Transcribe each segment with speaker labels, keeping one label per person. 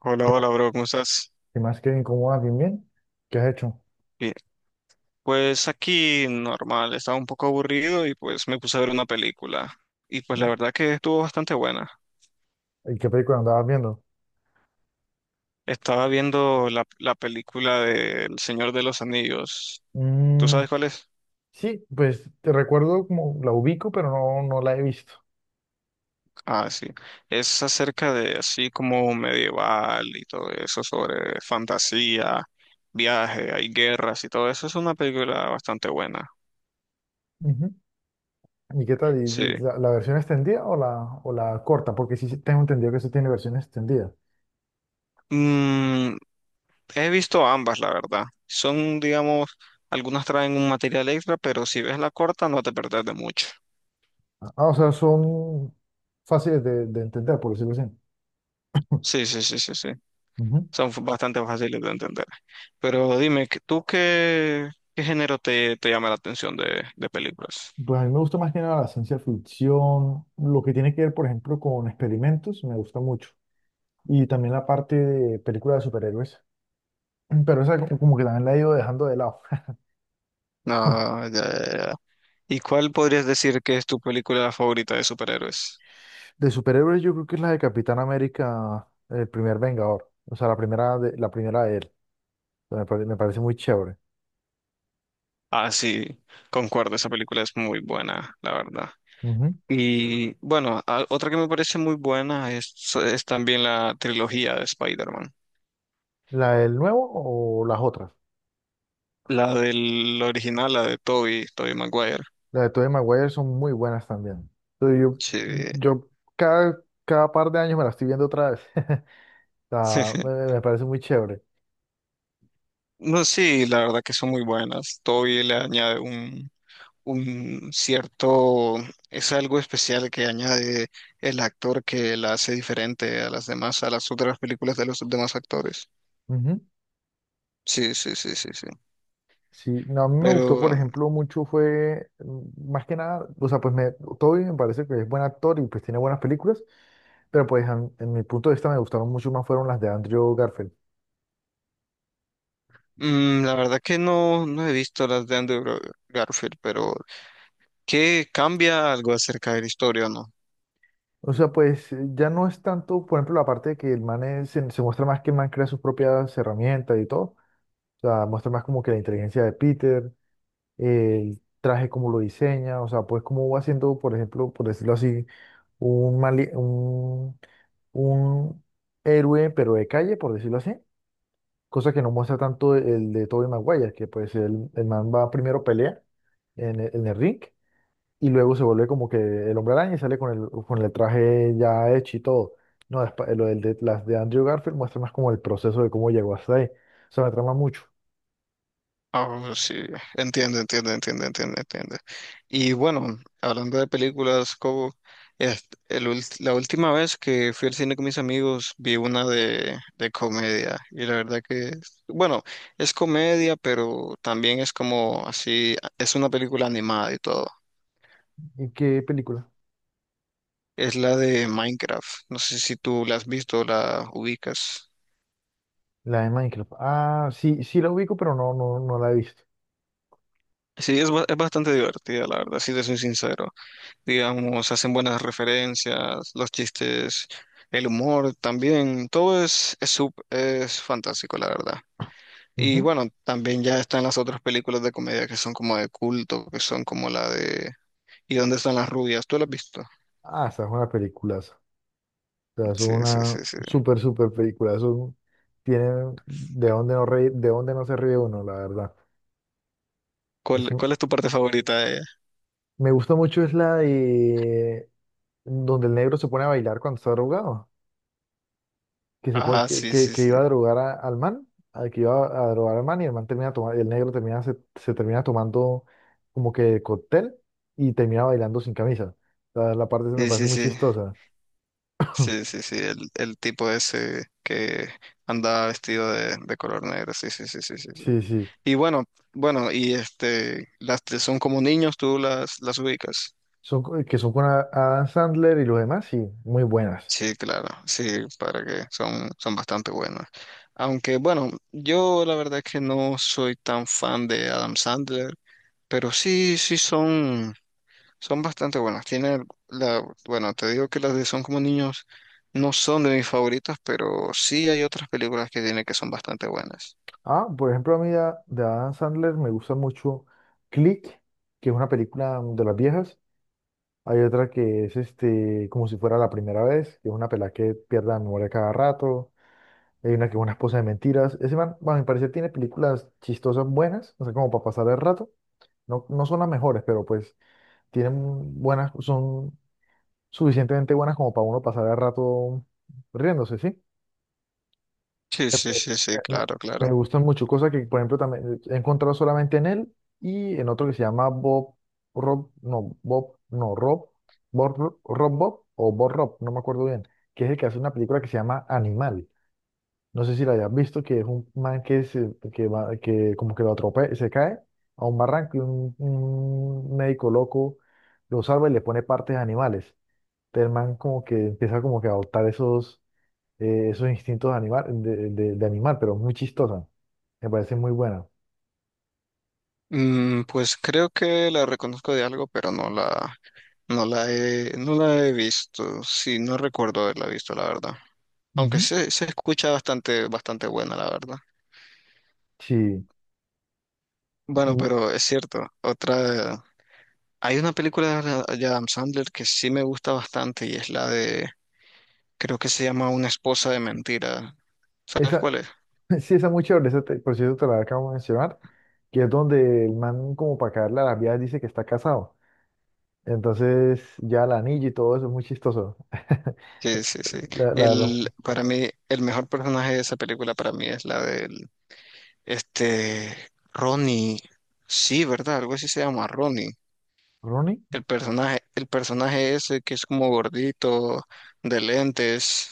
Speaker 1: Hola,
Speaker 2: ¿Qué más,
Speaker 1: hola, bro, ¿cómo estás?
Speaker 2: qué más que incomoda también? ¿Qué has hecho?
Speaker 1: Bien. Pues aquí normal, estaba un poco aburrido y pues me puse a ver una película. Y pues la
Speaker 2: ¿No?
Speaker 1: verdad que estuvo bastante buena.
Speaker 2: ¿Y qué película andabas viendo?
Speaker 1: Estaba viendo la película de El Señor de los Anillos. ¿Tú
Speaker 2: Mm,
Speaker 1: sabes cuál es?
Speaker 2: sí, pues te recuerdo como la ubico, pero no, no la he visto.
Speaker 1: Ah, sí. Es acerca de así como medieval y todo eso, sobre fantasía, viaje, hay guerras y todo eso. Es una película bastante buena.
Speaker 2: Ujú. ¿Y qué tal? ¿Y-
Speaker 1: Sí.
Speaker 2: y la versión extendida o la corta? Porque sí tengo entendido que eso tiene versión extendida.
Speaker 1: Mm, He visto ambas, la verdad. Son, digamos, algunas traen un material extra, pero si ves la corta no te perdés de mucho.
Speaker 2: Ah, o sea, son fáciles de entender, por decirlo así.
Speaker 1: Sí, sí, sí, sí, sí.
Speaker 2: Ujú.
Speaker 1: Son bastante fáciles de entender. Pero dime, ¿tú qué género te, te llama la atención de películas?
Speaker 2: Pues a mí me gusta más que nada la ciencia ficción, lo que tiene que ver, por ejemplo, con experimentos, me gusta mucho. Y también la parte de películas de superhéroes. Pero esa como que también la he ido dejando de lado.
Speaker 1: Ah, ya, ya, ya. ¿Y cuál podrías decir que es tu película favorita de superhéroes?
Speaker 2: De superhéroes yo creo que es la de Capitán América, el primer Vengador. O sea, la primera de él. O sea, me parece muy chévere.
Speaker 1: Ah, sí, concuerdo, esa película es muy buena, la verdad.
Speaker 2: Ujú.
Speaker 1: Y bueno, otra que me parece muy buena es también la trilogía de Spider-Man.
Speaker 2: ¿La del nuevo o las otras?
Speaker 1: La del original, la de Toby Maguire.
Speaker 2: Las de Tobey Maguire son muy buenas también. Entonces, yo,
Speaker 1: Sí.
Speaker 2: yo cada, cada par de años me la estoy viendo otra vez. O sea, me, me parece muy chévere.
Speaker 1: No, sí, la verdad que son muy buenas. Toby le añade un cierto, es algo especial que añade el actor que la hace diferente a las demás, a las otras películas de los demás actores.
Speaker 2: Ujú.
Speaker 1: Sí, sí, sí, sí, sí.
Speaker 2: Sí, no, a mí me gustó,
Speaker 1: Pero
Speaker 2: por ejemplo, mucho fue, más que nada, o sea, pues me, Toby me parece que es buen actor y pues tiene buenas películas, pero pues a mí- en mi punto de vista me gustaron mucho más fueron las de Andrew Garfield.
Speaker 1: la verdad que no, no he visto las de Garfield, pero ¿qué cambia algo acerca de la historia o no?
Speaker 2: O sea, pues ya no es tanto, por ejemplo, la parte de que el man se, se muestra más que el man crea sus propias herramientas y todo, o sea, muestra más como que la inteligencia de Peter, el traje como lo diseña, o sea, pues como va haciendo, por ejemplo, por decirlo así, un un héroe, pero de calle, por decirlo así, cosa que no muestra tanto el de Tobey Maguire, que pues el man va primero pelea en el ring y luego se vuelve como que el hombre araña y sale con el traje ya hecho y todo. No, lo del de, las de Andrew Garfield muestra más como el proceso de cómo llegó hasta ahí. O sea, me trama mucho.
Speaker 1: Ah, sí, entiendo, entiendo, entiendo, entiendo, entiendo. Y bueno, hablando de películas, Cobo, la última vez que fui al cine con mis amigos vi una de comedia y la verdad que, bueno, es comedia, pero también es como así, es una película animada y todo.
Speaker 2: ¿Y qué película?
Speaker 1: Es la de Minecraft. No sé si tú la has visto o la ubicas.
Speaker 2: La de Minecraft. Ah, sí, sí la ubico, pero no, no, no la he visto.
Speaker 1: Sí, es bastante divertida, la verdad, si te soy sincero. Digamos, hacen buenas referencias, los chistes, el humor también, todo es fantástico, la verdad. Y
Speaker 2: Ujú.
Speaker 1: bueno, también ya están las otras películas de comedia que son como de culto, que son como la de ¿Y dónde están las rubias? ¿Tú la has visto?
Speaker 2: Ah, esa es una película. Sea, eso es
Speaker 1: Sí, sí,
Speaker 2: una
Speaker 1: sí, sí.
Speaker 2: súper, súper película. Eso tiene de dónde no reír, de dónde no se ríe uno, la verdad. Es
Speaker 1: ¿Cuál,
Speaker 2: un-
Speaker 1: cuál es tu parte favorita de ella?
Speaker 2: me gusta mucho es la de donde el negro se pone a bailar cuando está drogado. Que se pone,
Speaker 1: Ah, sí, sí,
Speaker 2: que
Speaker 1: sí.
Speaker 2: iba a al man, al que iba a drogar al man y el man termina tomando, el negro termina, se termina tomando como que cóctel y termina bailando sin camisa. La parte se me
Speaker 1: Sí,
Speaker 2: parece
Speaker 1: sí,
Speaker 2: muy
Speaker 1: sí.
Speaker 2: chistosa.
Speaker 1: Sí, sí, sí, el tipo ese que andaba vestido de color negro, sí, sí, sí, sí, sí, sí.
Speaker 2: Sí, sí.
Speaker 1: Y bueno, bueno, y este, las tres son como niños, tú las ubicas.
Speaker 2: Son, que son con Adam Sandler y los demás, sí, muy buenas.
Speaker 1: Sí, claro, sí, para que son, son bastante buenas. Aunque bueno, yo la verdad es que no soy tan fan de Adam Sandler, pero sí, sí son. Son bastante buenas. Tiene la, bueno, te digo que las de Son como niños no son de mis favoritas, pero sí hay otras películas que tiene que son bastante buenas.
Speaker 2: Ah, por ejemplo, a mí de Adam Sandler me gusta mucho Click, que es una película de las viejas. Hay otra que es este, como si fuera la primera vez, que es una pelada que pierde la memoria cada rato. Hay una que es una esposa de mentiras. Ese man, bueno, me parece tiene películas chistosas buenas, o sea, como para pasar el rato. No, no son las mejores, pero pues tienen buenas, son suficientemente buenas como para uno pasar el rato riéndose, ¿sí?
Speaker 1: Sí, sí, sí, sí,
Speaker 2: Me,
Speaker 1: claro, claro.
Speaker 2: me gustan mucho, cosas que, por ejemplo, también he encontrado solamente en él y en otro que se llama Bob, Rob, no, Bob, no, Rob, Bob, Rob Bob o Bob Rob, no me acuerdo bien, que es el que hace una película que se llama Animal. No sé si la hayas visto, que es un man que, se, que, va, que como que lo atropella, se cae a un barranco y un médico loco lo salva y le pone partes a animales. Entonces el man como que empieza como que a adoptar esos esos instintos de animal, de animal, pero muy chistosa. Me parece muy buena.
Speaker 1: Mm, pues creo que la reconozco de algo, pero no la no la he visto. Sí, no recuerdo haberla visto, la verdad. Aunque
Speaker 2: Ujú.
Speaker 1: se escucha bastante, bastante buena, la verdad.
Speaker 2: Sí,
Speaker 1: Bueno,
Speaker 2: y
Speaker 1: pero es cierto. Otra, hay una película de Adam Sandler que sí me gusta bastante y es la de creo que se llama Una esposa de mentira. ¿Sabes
Speaker 2: esa,
Speaker 1: cuál es?
Speaker 2: sí, esa muy chévere, esa por cierto te la acabo de mencionar, que es donde el man como para caerle a las vías dice que está casado. Entonces ya la anillo y todo eso es muy chistoso.
Speaker 1: Sí, sí, sí.
Speaker 2: La verdad,
Speaker 1: El,
Speaker 2: mucho.
Speaker 1: para mí, el mejor personaje de esa película para mí es la del, este, Ronnie. Sí, ¿verdad? Algo así se llama Ronnie.
Speaker 2: ¿Ronnie?
Speaker 1: El personaje ese que es como gordito, de lentes,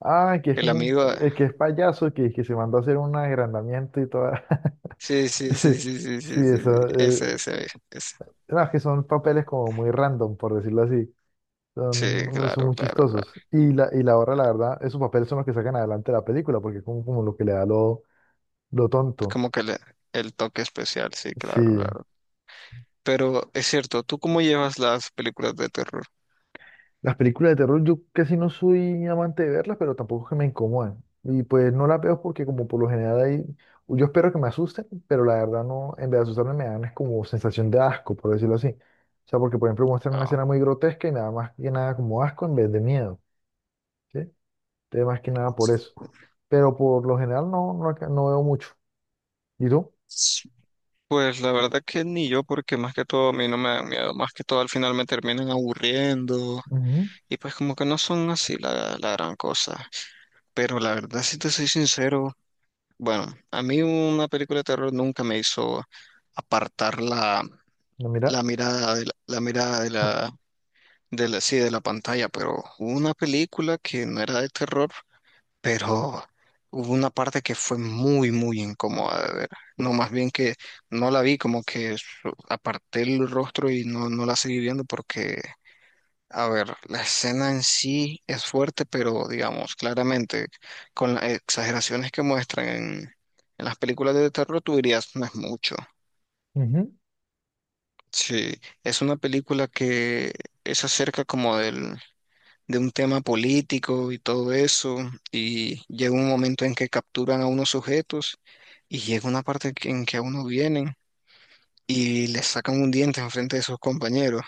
Speaker 2: Ah, que es
Speaker 1: el
Speaker 2: como un,
Speaker 1: amigo.
Speaker 2: que es payaso, que se mandó a hacer un agrandamiento y toda.
Speaker 1: Sí, sí,
Speaker 2: Sí,
Speaker 1: sí, sí, sí, sí,
Speaker 2: sí,
Speaker 1: sí, sí.
Speaker 2: eso.
Speaker 1: Ese, ese, ese.
Speaker 2: No, es que son papeles como muy random, por decirlo así.
Speaker 1: Sí,
Speaker 2: Son
Speaker 1: claro,
Speaker 2: muy
Speaker 1: claro, claro.
Speaker 2: chistosos. Y la hora, la verdad, esos papeles son los que sacan adelante la película, porque es como, como lo que le da lo tonto.
Speaker 1: Como que le- el toque especial, sí,
Speaker 2: Sí.
Speaker 1: claro, claro. Pero es cierto, ¿tú cómo llevas las películas de terror?
Speaker 2: Las películas de terror, yo casi no soy amante de verlas, pero tampoco es que me incomodan. Y pues no las veo porque como por lo general hay... Yo espero que me asusten, pero la verdad no, en vez de asustarme me dan es como sensación de asco, por decirlo así. O sea, porque por ejemplo muestran una
Speaker 1: Ah,
Speaker 2: escena muy grotesca y me da más que nada como asco en vez de miedo, ¿sí? Entonces más que nada por eso. Pero por lo general no, no, no veo mucho. ¿Y tú?
Speaker 1: pues la verdad que ni yo, porque más que todo a mí no me dan miedo, más que todo al final me terminan aburriendo
Speaker 2: Ujú,
Speaker 1: y pues como que no son así la gran cosa. Pero la verdad, si te soy sincero, bueno, a mí una película de terror nunca me hizo apartar
Speaker 2: no, mira.
Speaker 1: la mirada de la mirada de de la, sí, de la pantalla, pero hubo una película que no era de terror, pero hubo una parte que fue muy, muy incómoda de ver. No, más bien que no la vi, como que aparté el rostro y no, no la seguí viendo porque, a ver, la escena en sí es fuerte, pero digamos, claramente, con las exageraciones que muestran en las películas de terror, tú dirías, no es mucho.
Speaker 2: Ujú.
Speaker 1: Sí, es una película que es acerca como del de un tema político y todo eso, y llega un momento en que capturan a unos sujetos y llega una parte en que a uno vienen y les sacan un diente enfrente de sus compañeros.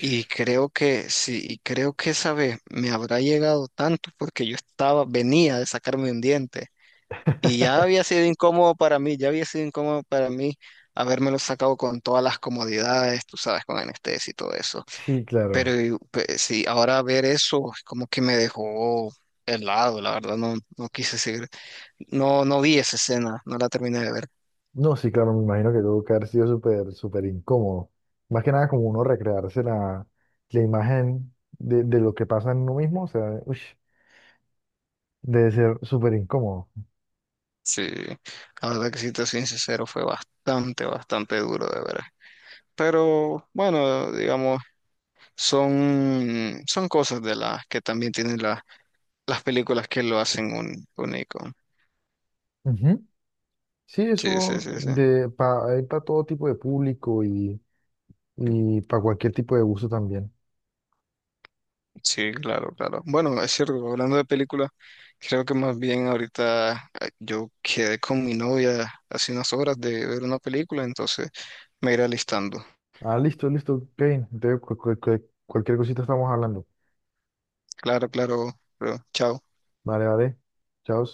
Speaker 1: Y creo que sí, y creo que esa vez me habrá llegado tanto porque yo estaba, venía de sacarme un diente y ya había sido incómodo para mí, ya había sido incómodo para mí habérmelo sacado con todas las comodidades, tú sabes, con anestesia y todo eso.
Speaker 2: Sí, claro.
Speaker 1: Sí, ahora ver eso como que me dejó helado, la verdad, no, no quise seguir, no, no vi esa escena, no la terminé de ver.
Speaker 2: No, sí, claro, me imagino que tuvo que haber sido súper, súper incómodo. Más que nada como uno recrearse la, la imagen de lo que pasa en uno mismo, o sea, ush, debe ser súper incómodo.
Speaker 1: Sí, la verdad que si te soy sincero, fue bastante, bastante duro de ver. Pero bueno, digamos, son, son cosas de las que también las películas que lo hacen un, único.
Speaker 2: Ujú. Sí,
Speaker 1: Sí, sí,
Speaker 2: eso
Speaker 1: sí, sí.
Speaker 2: de pa, hay para todo tipo de público y para cualquier tipo de gusto también.
Speaker 1: Sí, claro, claro. Bueno, es cierto, hablando de películas, creo que más bien ahorita yo quedé con mi novia hace unas horas de ver una película, entonces me iré alistando.
Speaker 2: Ah, listo, listo, Kevin. Entonces, cualquier cosita estamos hablando.
Speaker 1: Claro, claro, bro. Chao.
Speaker 2: Vale, vale. Chao.